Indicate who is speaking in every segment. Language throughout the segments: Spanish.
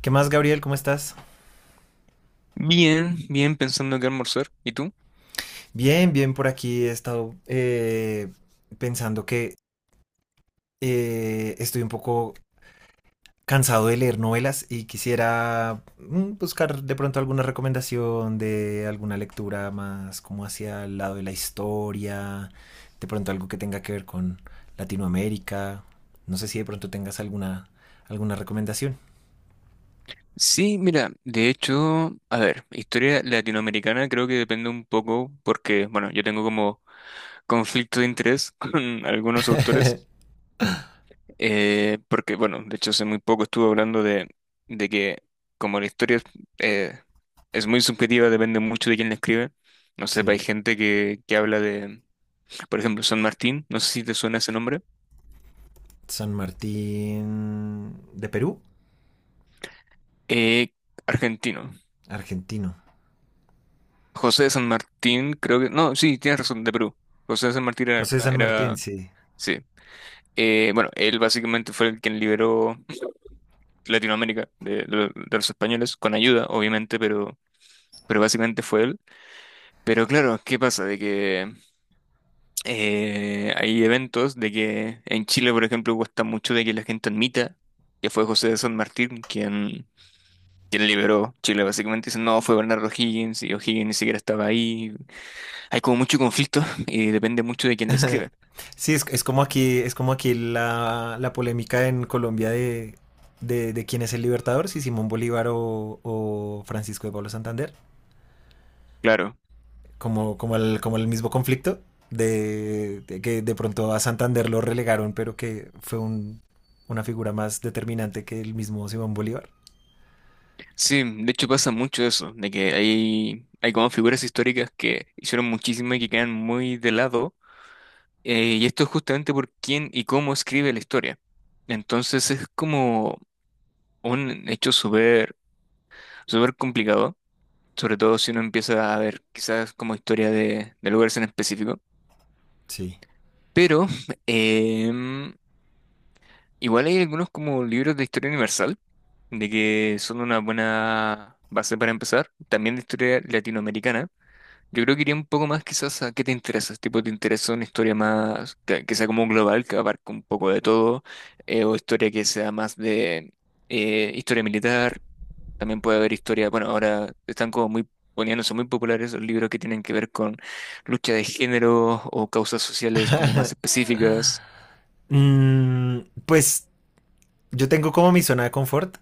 Speaker 1: ¿Qué más, Gabriel? ¿Cómo estás?
Speaker 2: Bien, bien, pensando que almorzar. ¿Y tú?
Speaker 1: Bien, bien por aquí. He estado pensando que estoy un poco cansado de leer novelas y quisiera buscar de pronto alguna recomendación de alguna lectura más como hacia el lado de la historia, de pronto algo que tenga que ver con Latinoamérica. No sé si de pronto tengas alguna recomendación.
Speaker 2: Sí, mira, de hecho, a ver, historia latinoamericana creo que depende un poco porque, bueno, yo tengo como conflicto de interés con algunos autores, porque, bueno, de hecho hace muy poco estuve hablando de que como la historia eh, es muy subjetiva, depende mucho de quién la escribe. No sé,
Speaker 1: Sí.
Speaker 2: hay gente que habla de, por ejemplo, San Martín, no sé si te suena ese nombre,
Speaker 1: San Martín de Perú,
Speaker 2: eh, argentino.
Speaker 1: argentino.
Speaker 2: José de San Martín, creo que. No, sí, tienes razón, de Perú. José de San Martín era.
Speaker 1: José San Martín, sí.
Speaker 2: Sí. Bueno, él básicamente fue el quien liberó Latinoamérica de, de los españoles, con ayuda, obviamente, pero básicamente fue él. Pero claro, ¿qué pasa? De que hay eventos de que en Chile, por ejemplo, cuesta mucho de que la gente admita que fue José de San Martín quien, quien liberó Chile. Básicamente dicen, no, fue Bernardo Higgins y O'Higgins ni siquiera estaba ahí. Hay como mucho conflicto y depende mucho de quién lo
Speaker 1: Ajá.
Speaker 2: escribe.
Speaker 1: Sí, es como aquí la polémica en Colombia de quién es el libertador, si Simón Bolívar o Francisco de Pablo Santander,
Speaker 2: Claro,
Speaker 1: como el mismo conflicto de que de pronto a Santander lo relegaron, pero que fue una figura más determinante que el mismo Simón Bolívar.
Speaker 2: sí, de hecho pasa mucho eso, de que hay como figuras históricas que hicieron muchísimo y que quedan muy de lado, y esto es justamente por quién y cómo escribe la historia. Entonces es como un hecho súper súper complicado, sobre todo si uno empieza a ver quizás como historia de lugares en específico,
Speaker 1: Sí.
Speaker 2: pero em, igual hay algunos como libros de historia universal, de que son una buena base para empezar, también de historia latinoamericana. Yo creo que iría un poco más quizás a qué te interesa, tipo te interesa una historia más que sea como global, que abarque un poco de todo, o historia que sea más de historia militar, también puede haber historia, bueno, ahora están como muy poniéndose muy populares los libros que tienen que ver con lucha de género o causas sociales como más específicas.
Speaker 1: Mm, pues yo tengo como mi zona de confort,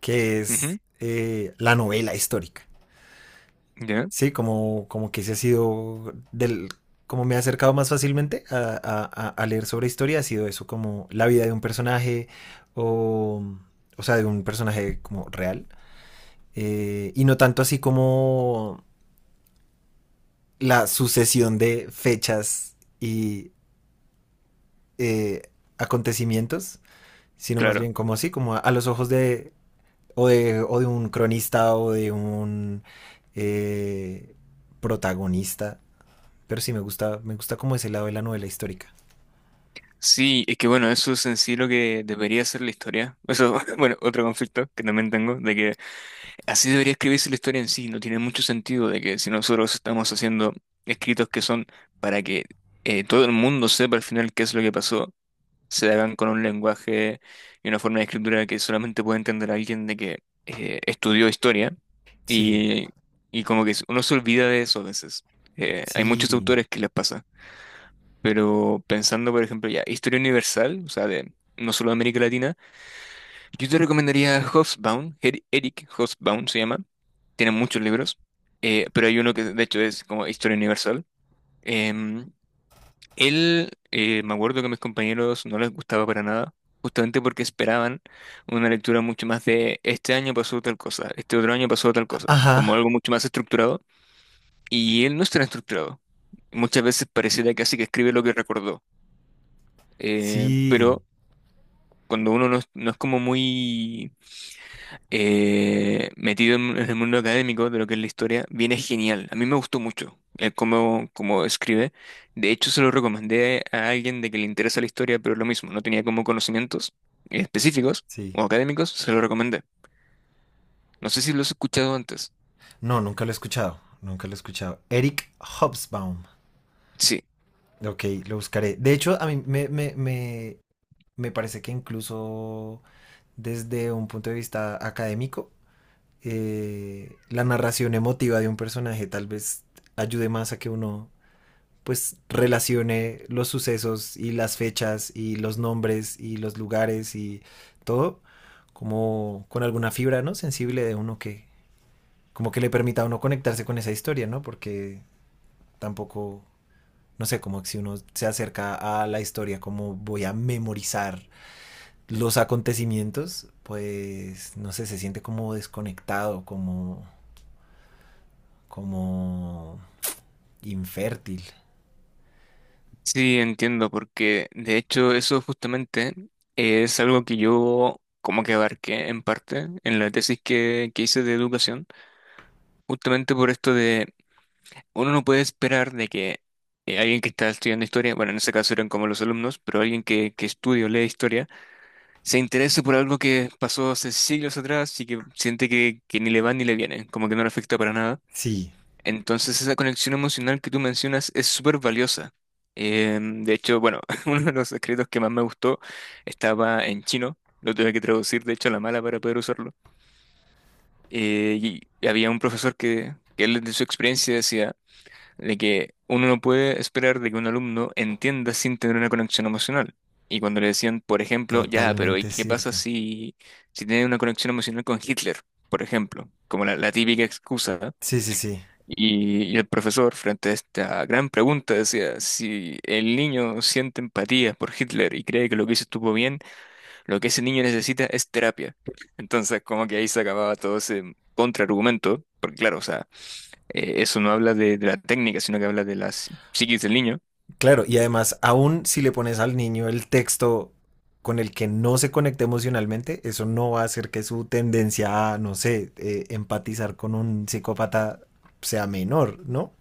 Speaker 1: que
Speaker 2: Ujú,
Speaker 1: es la novela histórica.
Speaker 2: ¿ya?
Speaker 1: Sí, como, como que ese ha sido como me he acercado más fácilmente a, a leer sobre historia, ha sido eso, como la vida de un personaje, o, o sea, de un personaje como real, y no tanto así como la sucesión de fechas y eh, acontecimientos, sino más
Speaker 2: Claro.
Speaker 1: bien como así, como a los ojos de o, de, o de un cronista o de un eh, protagonista. Pero sí, me gusta como ese lado de la novela histórica.
Speaker 2: Sí, es que bueno, eso es en sí lo que debería ser la historia. Eso, bueno, otro conflicto que también tengo, de que así debería escribirse la historia en sí, no tiene mucho sentido de que si nosotros estamos haciendo escritos que son para que todo el mundo sepa al final qué es lo que pasó, se hagan con un lenguaje y una forma de escritura que solamente puede entender alguien de que estudió historia
Speaker 1: Sí,
Speaker 2: y, y como que uno se olvida de eso a veces. Hay muchos
Speaker 1: sí.
Speaker 2: autores que les pasa, pero pensando por ejemplo ya, historia universal, o sea, de no solo de América Latina, yo te recomendaría Hobsbawm, Eric Hobsbawm se llama. Tiene muchos libros, pero hay uno que de hecho es como Historia Universal. Em, él, me acuerdo que a mis compañeros no les gustaba para nada, justamente porque esperaban una lectura mucho más de este año pasó tal cosa, este otro año pasó tal cosa,
Speaker 1: Ajá,
Speaker 2: como algo mucho más estructurado, y él no está estructurado. Muchas veces pareciera casi que escribe lo que recordó,
Speaker 1: sí,
Speaker 2: pero cuando uno no es como muy metido en el mundo académico de lo que es la historia, viene genial. A mí me gustó mucho cómo, cómo escribe. De hecho, se lo recomendé a alguien de que le interesa la historia, pero lo mismo, no tenía como conocimientos específicos
Speaker 1: sí.
Speaker 2: o académicos, se lo recomendé. No sé si lo has escuchado antes.
Speaker 1: No, nunca lo he escuchado, nunca lo he escuchado. Eric Hobsbawm.
Speaker 2: Sí,
Speaker 1: Ok, lo buscaré. De hecho, a mí me, me, me, me parece que incluso desde un punto de vista académico, la narración emotiva de un personaje tal vez ayude más a que uno pues relacione los sucesos y las fechas y los nombres y los lugares y todo como con alguna fibra, ¿no? Sensible de uno que como que le permita a uno conectarse con esa historia, ¿no? Porque tampoco, no sé, como que si uno se acerca a la historia, como voy a memorizar los acontecimientos, pues, no sé, se siente como desconectado, como infértil.
Speaker 2: sí, entiendo, porque de hecho eso justamente es algo que yo como que abarqué en parte en la tesis que hice de educación, justamente por esto uno no puede esperar de que alguien que está estudiando historia, bueno, en ese caso eran como los alumnos, pero alguien que estudia o lee historia, se interese por algo que pasó hace siglos atrás y que siente que ni le va ni le viene, como que no le afecta para nada.
Speaker 1: Sí,
Speaker 2: Entonces esa conexión emocional que tú mencionas es súper valiosa. De hecho, bueno, uno de los escritos que más me gustó estaba en chino, lo tuve que traducir, de hecho, a la mala para poder usarlo. Eh, y había un profesor que él de su experiencia decía de que uno no puede esperar de que un alumno entienda sin tener una conexión emocional. Y cuando le decían, por ejemplo, ya, pero ¿y
Speaker 1: totalmente
Speaker 2: qué pasa
Speaker 1: cierto.
Speaker 2: si, si tiene una conexión emocional con Hitler, por ejemplo? Como la típica excusa.
Speaker 1: Sí, sí, sí.
Speaker 2: Y el profesor, frente a esta gran pregunta, decía, si el niño siente empatía por Hitler y cree que lo que hizo estuvo bien, lo que ese niño necesita es terapia. Entonces, como que ahí se acababa todo ese contraargumento, porque claro, o sea, eso no habla de la técnica, sino que habla de las psiquis del niño.
Speaker 1: Claro, y además, aún si le pones al niño el texto con el que no se conecte emocionalmente, eso no va a hacer que su tendencia a, no sé, empatizar con un psicópata sea menor, ¿no?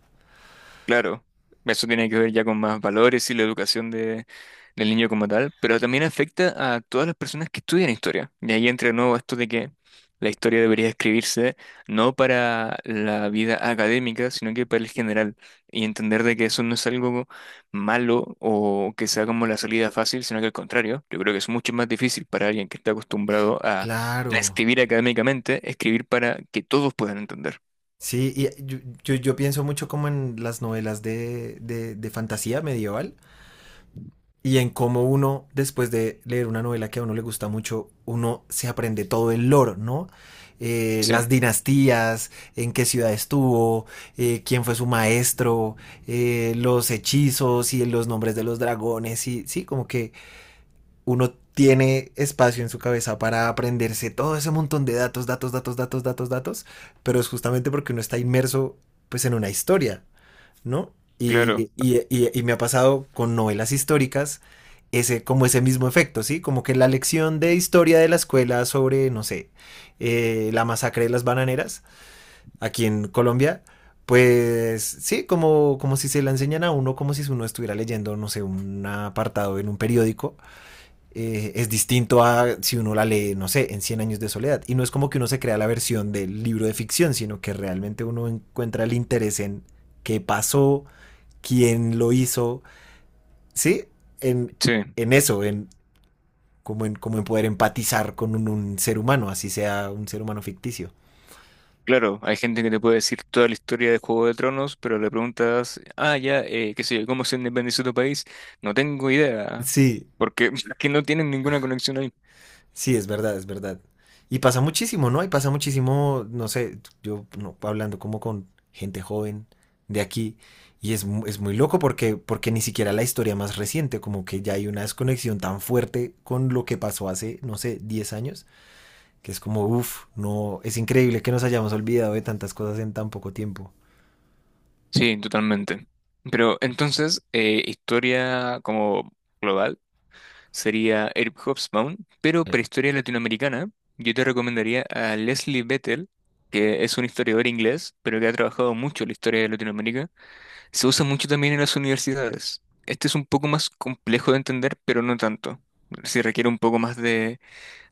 Speaker 2: Claro, eso tiene que ver ya con más valores y la educación de, del niño como tal, pero también afecta a todas las personas que estudian historia. Y ahí entra de nuevo esto de que la historia debería escribirse no para la vida académica, sino que para el general. Y entender de que eso no es algo malo o que sea como la salida fácil, sino que al contrario, yo creo que es mucho más difícil para alguien que está acostumbrado a
Speaker 1: Claro.
Speaker 2: escribir académicamente, escribir para que todos puedan entender.
Speaker 1: Sí, yo pienso mucho como en las novelas de fantasía medieval, y en cómo uno, después de leer una novela que a uno le gusta mucho, uno se aprende todo el lore, ¿no? Las
Speaker 2: Sí,
Speaker 1: dinastías, en qué ciudad estuvo, quién fue su maestro, los hechizos y los nombres de los dragones, y sí, como que uno tiene espacio en su cabeza para aprenderse todo ese montón de datos, datos, datos, datos, datos, datos, pero es justamente porque uno está inmerso pues en una historia, ¿no? Y,
Speaker 2: claro,
Speaker 1: y me ha pasado con novelas históricas ese, como ese mismo efecto, ¿sí? Como que la lección de historia de la escuela sobre, no sé, la masacre de las bananeras aquí en Colombia, pues sí, como, como si se la enseñan a uno, como si uno estuviera leyendo, no sé, un apartado en un periódico. Eh, es distinto a si uno la lee, no sé, en Cien años de soledad. Y no es como que uno se crea la versión del libro de ficción, sino que realmente uno encuentra el interés en qué pasó, quién lo hizo, ¿sí? En,
Speaker 2: sí.
Speaker 1: en eso, en como, en como en poder empatizar con un ser humano, así sea un ser humano ficticio.
Speaker 2: Claro, hay gente que te puede decir toda la historia de Juego de Tronos, pero le preguntas, ah, ya, qué sé yo, ¿cómo se independizó tu país? No tengo idea,
Speaker 1: Sí,
Speaker 2: porque que no tienen ninguna conexión ahí.
Speaker 1: sí, es verdad, es verdad. Y pasa muchísimo, ¿no? Y pasa muchísimo, no sé, yo no, hablando como con gente joven de aquí, y es muy loco porque, porque ni siquiera la historia más reciente, como que ya hay una desconexión tan fuerte con lo que pasó hace, no sé, 10 años, que es como, uff, no, es increíble que nos hayamos olvidado de tantas cosas en tan poco tiempo.
Speaker 2: Sí, totalmente. Pero entonces, historia como global sería Eric Hobsbawm, pero
Speaker 1: Eh,
Speaker 2: para historia latinoamericana, yo te recomendaría a Leslie Bethel, que es un historiador inglés, pero que ha trabajado mucho la historia de Latinoamérica. Se usa mucho también en las universidades. Este es un poco más complejo de entender, pero no tanto. Sí requiere un poco más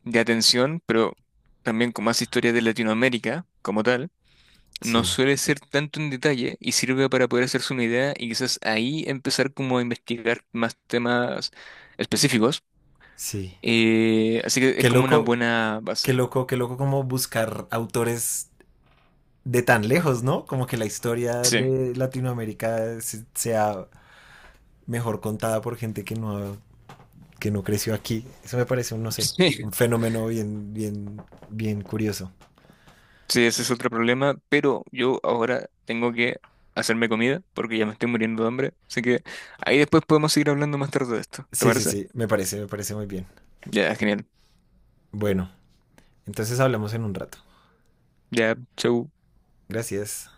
Speaker 2: de atención, pero también con más historia de Latinoamérica como tal. No
Speaker 1: sí,
Speaker 2: suele ser tanto en detalle y sirve para poder hacerse una idea y quizás ahí empezar como a investigar más temas específicos.
Speaker 1: sí.
Speaker 2: Así que es
Speaker 1: Qué
Speaker 2: como una
Speaker 1: loco,
Speaker 2: buena
Speaker 1: qué
Speaker 2: base.
Speaker 1: loco, qué loco como buscar autores de tan lejos, ¿no? Como que la historia
Speaker 2: Sí.
Speaker 1: de Latinoamérica sea mejor contada por gente que no creció aquí. Eso me parece un, no sé, un
Speaker 2: Sí.
Speaker 1: fenómeno bien, bien, bien curioso.
Speaker 2: Sí, ese es otro problema, pero yo ahora tengo que hacerme comida porque ya me estoy muriendo de hambre. Así que ahí después podemos seguir hablando más tarde de esto. ¿Te
Speaker 1: Sí, sí,
Speaker 2: parece?
Speaker 1: sí, me parece muy bien.
Speaker 2: Ya, genial.
Speaker 1: Bueno, entonces hablamos en un rato.
Speaker 2: Ya, chau.
Speaker 1: Gracias.